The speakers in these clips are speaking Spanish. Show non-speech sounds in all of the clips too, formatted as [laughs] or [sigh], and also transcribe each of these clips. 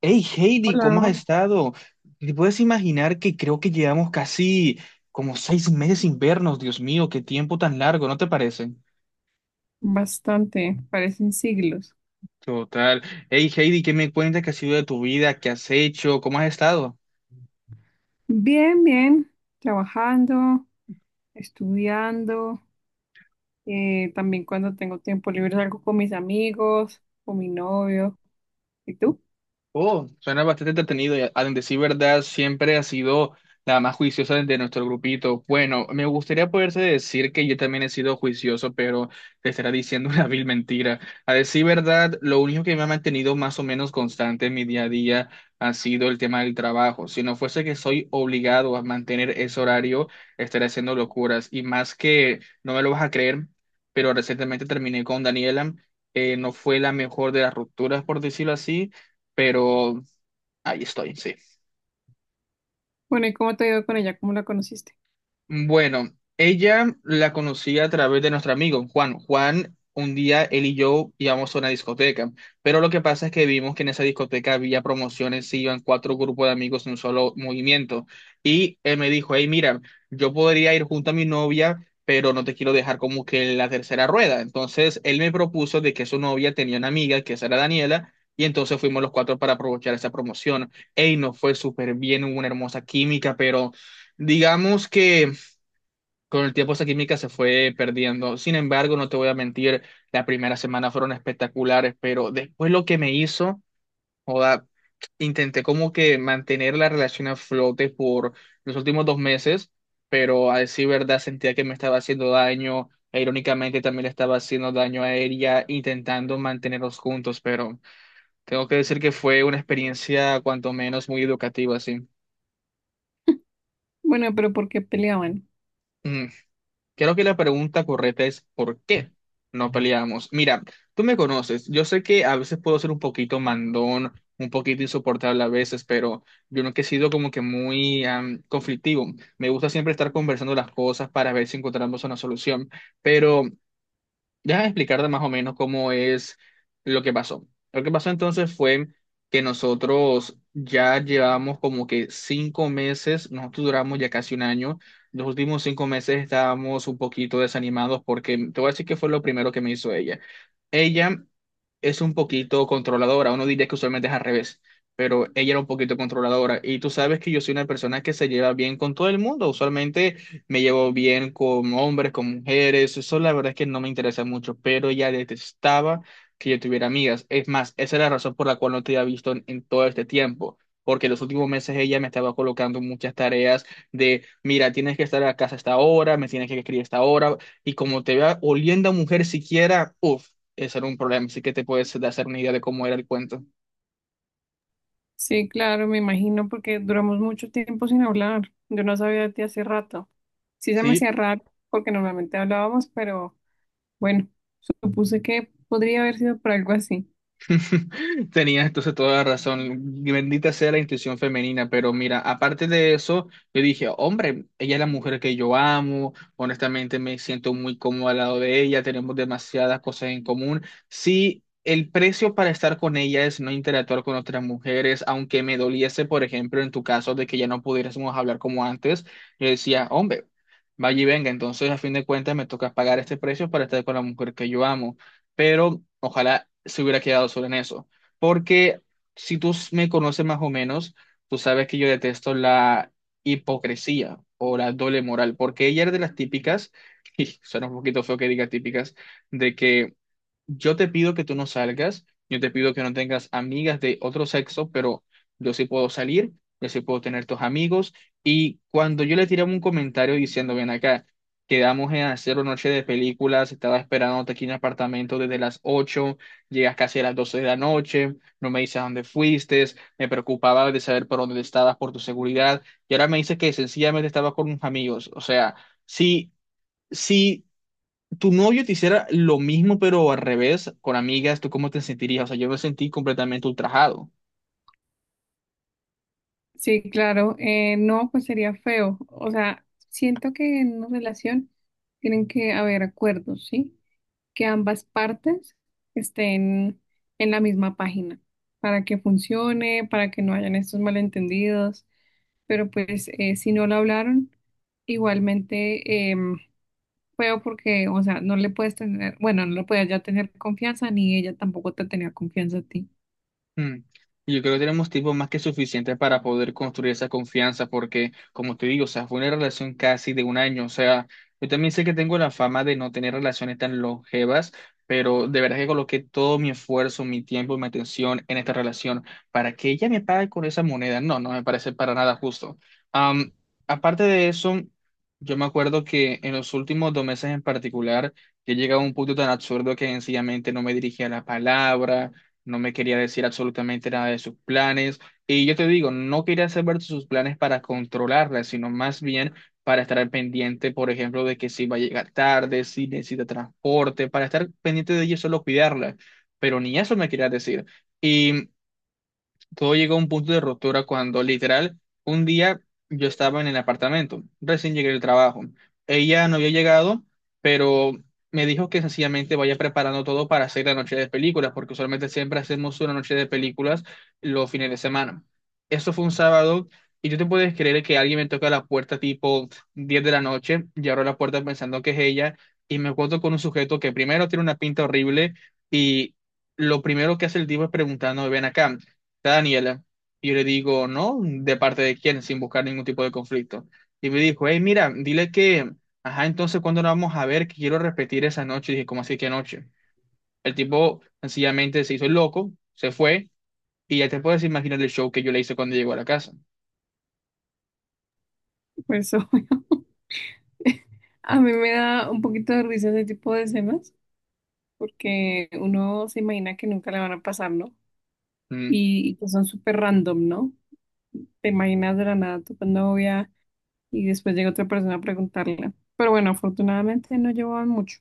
Hey Heidi, ¿cómo has Hola, estado? ¿Te puedes imaginar que creo que llevamos casi como 6 meses sin vernos? Dios mío, qué tiempo tan largo, ¿no te parece? bastante, parecen siglos. Total. Hey Heidi, ¿qué me cuentas que ha sido de tu vida? ¿Qué has hecho? ¿Cómo has estado? Bien, bien, trabajando, estudiando, también cuando tengo tiempo libre salgo con mis amigos, con mi novio. ¿Y tú? Oh, suena bastante entretenido. A decir verdad, siempre ha sido la más juiciosa de nuestro grupito. Bueno, me gustaría poderse decir que yo también he sido juicioso, pero te estará diciendo [laughs] una vil mentira. A decir verdad, lo único que me ha mantenido más o menos constante en mi día a día ha sido el tema del trabajo. Si no fuese que soy obligado a mantener ese horario, estaría haciendo locuras. Y más que, no me lo vas a creer, pero recientemente terminé con Daniela. No fue la mejor de las rupturas, por decirlo así, pero ahí estoy, sí. Bueno, ¿y cómo te ha ido con ella? ¿Cómo la conociste? Bueno, ella la conocí a través de nuestro amigo Juan. Juan, un día él y yo íbamos a una discoteca, pero lo que pasa es que vimos que en esa discoteca había promociones y iban cuatro grupos de amigos en un solo movimiento. Y él me dijo, hey, mira, yo podría ir junto a mi novia, pero no te quiero dejar como que en la tercera rueda. Entonces él me propuso de que su novia tenía una amiga, que esa era Daniela. Y entonces fuimos los cuatro para aprovechar esa promoción. Ey, nos fue súper bien, hubo una hermosa química, pero digamos que con el tiempo esa química se fue perdiendo. Sin embargo, no te voy a mentir, la primera semana fueron espectaculares, pero después lo que me hizo, joda, intenté como que mantener la relación a flote por los últimos 2 meses, pero a decir verdad sentía que me estaba haciendo daño, e irónicamente también le estaba haciendo daño a ella, intentando mantenerlos juntos, pero tengo que decir que fue una experiencia cuanto menos muy educativa, sí. Bueno, pero ¿por qué peleaban? Creo que la pregunta correcta es ¿por qué no peleamos? Mira, tú me conoces, yo sé que a veces puedo ser un poquito mandón, un poquito insoportable a veces, pero yo nunca he sido como que muy conflictivo. Me gusta siempre estar conversando las cosas para ver si encontramos una solución, pero deja de explicarte más o menos cómo es lo que pasó. Lo que pasó entonces fue que nosotros ya llevamos como que 5 meses, nosotros duramos ya casi un año. Los últimos 5 meses estábamos un poquito desanimados porque te voy a decir que fue lo primero que me hizo ella. Ella es un poquito controladora. Uno diría que usualmente es al revés, pero ella era un poquito controladora. Y tú sabes que yo soy una persona que se lleva bien con todo el mundo. Usualmente me llevo bien con hombres, con mujeres. Eso la verdad es que no me interesa mucho, pero ella detestaba que yo tuviera amigas. Es más, esa es la razón por la cual no te había visto en todo este tiempo. Porque en los últimos meses ella me estaba colocando muchas tareas de, mira, tienes que estar a casa a esta hora, me tienes que escribir a esta hora, y como te vea oliendo a mujer siquiera, uff, ese era un problema, así que te puedes hacer una idea de cómo era el cuento. Sí, claro, me imagino porque duramos mucho tiempo sin hablar. Yo no sabía de ti hace rato. Sí se me Sí, hacía raro porque normalmente hablábamos, pero bueno, supuse que podría haber sido por algo así. [laughs] tenías entonces toda la razón. Bendita sea la intuición femenina, pero mira, aparte de eso, yo dije, hombre, ella es la mujer que yo amo, honestamente me siento muy cómodo al lado de ella, tenemos demasiadas cosas en común. Sí, el precio para estar con ella es no interactuar con otras mujeres, aunque me doliese, por ejemplo, en tu caso de que ya no pudiésemos hablar como antes, yo decía, hombre, vaya y venga, entonces a fin de cuentas me toca pagar este precio para estar con la mujer que yo amo, pero ojalá se hubiera quedado solo en eso, porque si tú me conoces más o menos, tú sabes que yo detesto la hipocresía o la doble moral, porque ella era de las típicas, [laughs] y suena un poquito feo que diga típicas, de que yo te pido que tú no salgas, yo te pido que no tengas amigas de otro sexo, pero yo sí puedo salir, yo sí puedo tener tus amigos. Y cuando yo le tiré un comentario diciendo, ven acá, quedamos en hacer una noche de películas, estaba esperándote aquí en el apartamento desde las 8. Llegas casi a las 12 de la noche, no me dices a dónde fuiste, me preocupaba de saber por dónde estabas, por tu seguridad, y ahora me dices que sencillamente estabas con unos amigos. O sea, sí, sí tu novio te hiciera lo mismo, pero al revés, con amigas, ¿tú cómo te sentirías? O sea, yo me sentí completamente ultrajado. Sí, claro. No, pues sería feo. O sea, siento que en una relación tienen que haber acuerdos, ¿sí? Que ambas partes estén en la misma página para que funcione, para que no hayan estos malentendidos. Pero pues si no lo hablaron, igualmente feo porque, o sea, no le puedes tener, bueno, no le puedes ya tener confianza, ni ella tampoco te tenía confianza a ti. Mm. Yo creo que tenemos tiempo más que suficiente para poder construir esa confianza, porque, como te digo, o sea, fue una relación casi de un año. O sea, yo también sé que tengo la fama de no tener relaciones tan longevas, pero de verdad que coloqué todo mi esfuerzo, mi tiempo y mi atención en esta relación para que ella me pague con esa moneda. No, no me parece para nada justo. Am, aparte de eso, yo me acuerdo que en los últimos 2 meses en particular, yo llegaba a un punto tan absurdo que sencillamente no me dirigía la palabra, no me quería decir absolutamente nada de sus planes. Y yo te digo, no quería saber de sus planes para controlarla, sino más bien para estar al pendiente, por ejemplo, de que si va a llegar tarde, si necesita transporte, para estar pendiente de ella y solo cuidarla. Pero ni eso me quería decir. Y todo llegó a un punto de ruptura cuando literal un día yo estaba en el apartamento, recién llegué del trabajo. Ella no había llegado, pero me dijo que sencillamente vaya preparando todo para hacer la noche de películas, porque usualmente siempre hacemos una noche de películas los fines de semana. Eso fue un sábado, y tú te puedes creer que alguien me toca la puerta tipo 10 de la noche y abro la puerta pensando que es ella y me encuentro con un sujeto que primero tiene una pinta horrible y lo primero que hace el tipo es preguntando, ven acá, está Daniela. Y yo le digo, no, ¿de parte de quién? Sin buscar ningún tipo de conflicto. Y me dijo, hey, mira, dile que, ajá, entonces, ¿cuándo nos vamos a ver? Que quiero repetir esa noche. Y dije, ¿cómo así que noche? El tipo sencillamente se hizo el loco, se fue, y ya te puedes imaginar el show que yo le hice cuando llegó a la casa. Por eso [laughs] a mí me da un poquito de risa ese tipo de escenas, porque uno se imagina que nunca le van a pasar, ¿no? Mm, Y que son súper random, ¿no? Te imaginas de la nada tu novia y después llega otra persona a preguntarle. Pero bueno, afortunadamente no llevaban mucho.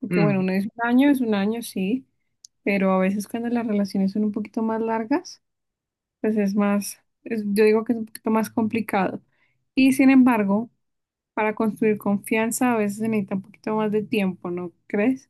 Porque bueno, mm, uno es un año, sí, pero a veces cuando las relaciones son un poquito más largas, pues es más, yo digo que es un poquito más complicado. Y sin embargo, para construir confianza a veces se necesita un poquito más de tiempo, ¿no crees?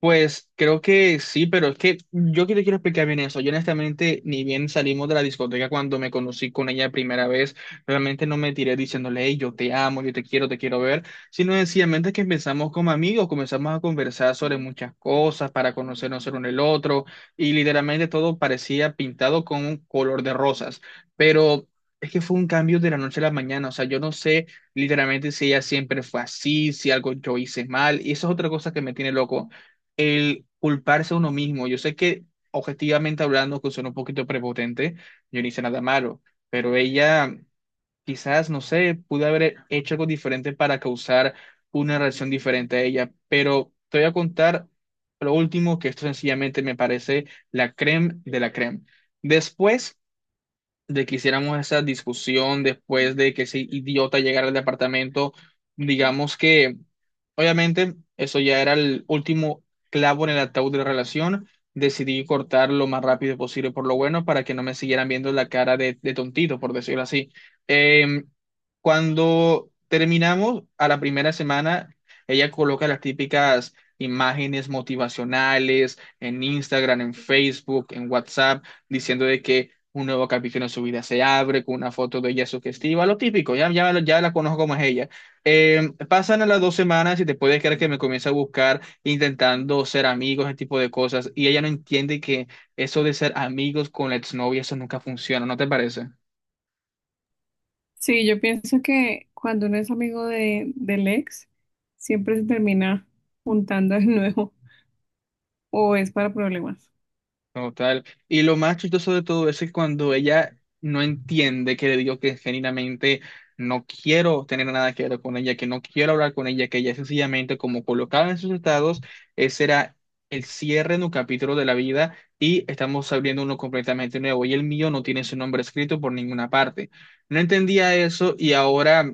Pues creo que sí, pero es que yo que te quiero explicar bien eso. Yo honestamente ni bien salimos de la discoteca cuando me conocí con ella la primera vez, realmente no me tiré diciéndole, "Hey, yo te amo, yo te quiero ver", sino sencillamente que empezamos como amigos, comenzamos a conversar sobre muchas cosas para conocernos el uno el otro y literalmente todo parecía pintado con un color de rosas, pero es que fue un cambio de la noche a la mañana. O sea, yo no sé literalmente si ella siempre fue así, si algo yo hice mal, y eso es otra cosa que me tiene loco, el culparse a uno mismo. Yo sé que objetivamente hablando, que suena un poquito prepotente, yo no hice nada malo, pero ella quizás, no sé, pudo haber hecho algo diferente para causar una reacción diferente a ella, pero te voy a contar lo último, que esto sencillamente me parece la creme de la creme. Después de que hiciéramos esa discusión, después de que ese idiota llegara al departamento, digamos que obviamente eso ya era el último clavo en el ataúd de la relación, decidí cortar lo más rápido posible por lo bueno para que no me siguieran viendo la cara de tontito, por decirlo así. Eh, Cuando terminamos a la primera semana, ella coloca las típicas imágenes motivacionales en Instagram, en Facebook, en WhatsApp, diciendo de que un nuevo capítulo en su vida se abre, con una foto de ella sugestiva, lo típico, ya, ya, ya la conozco como es ella. Pasan a las 2 semanas y te puedes creer que me comienza a buscar intentando ser amigos, ese tipo de cosas, y ella no entiende que eso de ser amigos con la exnovia, eso nunca funciona, ¿no te parece? Sí, yo pienso que cuando uno es amigo del ex, siempre se termina juntando de [laughs] nuevo o es para problemas. Total. Y lo más chistoso de todo eso es cuando ella no entiende que le digo que genuinamente no quiero tener nada que ver con ella, que no quiero hablar con ella, que ella sencillamente, como colocaba en sus estados, ese era el cierre de un capítulo de la vida y estamos abriendo uno completamente nuevo, y el mío no tiene su nombre escrito por ninguna parte. No entendía eso, y ahora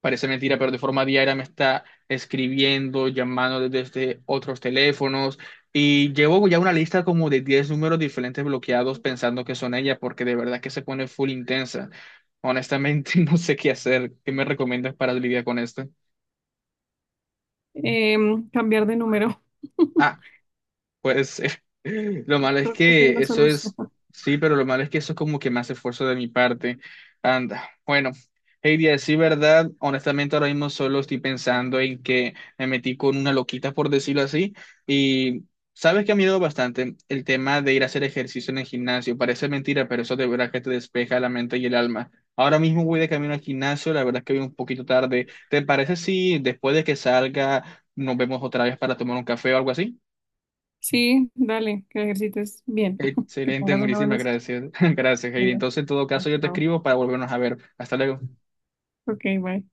parece mentira, pero de forma diaria me está escribiendo, llamando desde otros teléfonos, y llevo ya una lista como de 10 números diferentes bloqueados pensando que son ella, porque de verdad que se pone full intensa. Honestamente, [laughs] no sé qué hacer. ¿Qué me recomiendas para lidiar con esto? Cambiar de número. [laughs] Ah, puede ser. [laughs] Lo malo Yo es creo que esa es que la eso es, solución. sí, pero lo malo es que eso es como que más esfuerzo de mi parte. Anda, bueno, Heidi, a decir verdad, honestamente ahora mismo solo estoy pensando en que me metí con una loquita, por decirlo así, y sabes que ha ayudado bastante el tema de ir a hacer ejercicio en el gimnasio. Parece mentira, pero eso de verdad que te despeja la mente y el alma. Ahora mismo voy de camino al gimnasio, la verdad es que voy un poquito tarde. ¿Te parece si después de que salga nos vemos otra vez para tomar un café o algo así? Sí, dale, que ejercites bien, [laughs] que Excelente, tengas una buena muchísimas gracias. [laughs] Gracias, Heidi. semana. Entonces, en todo caso, yo te Chao. escribo para volvernos a ver. Hasta luego. Ok, bye.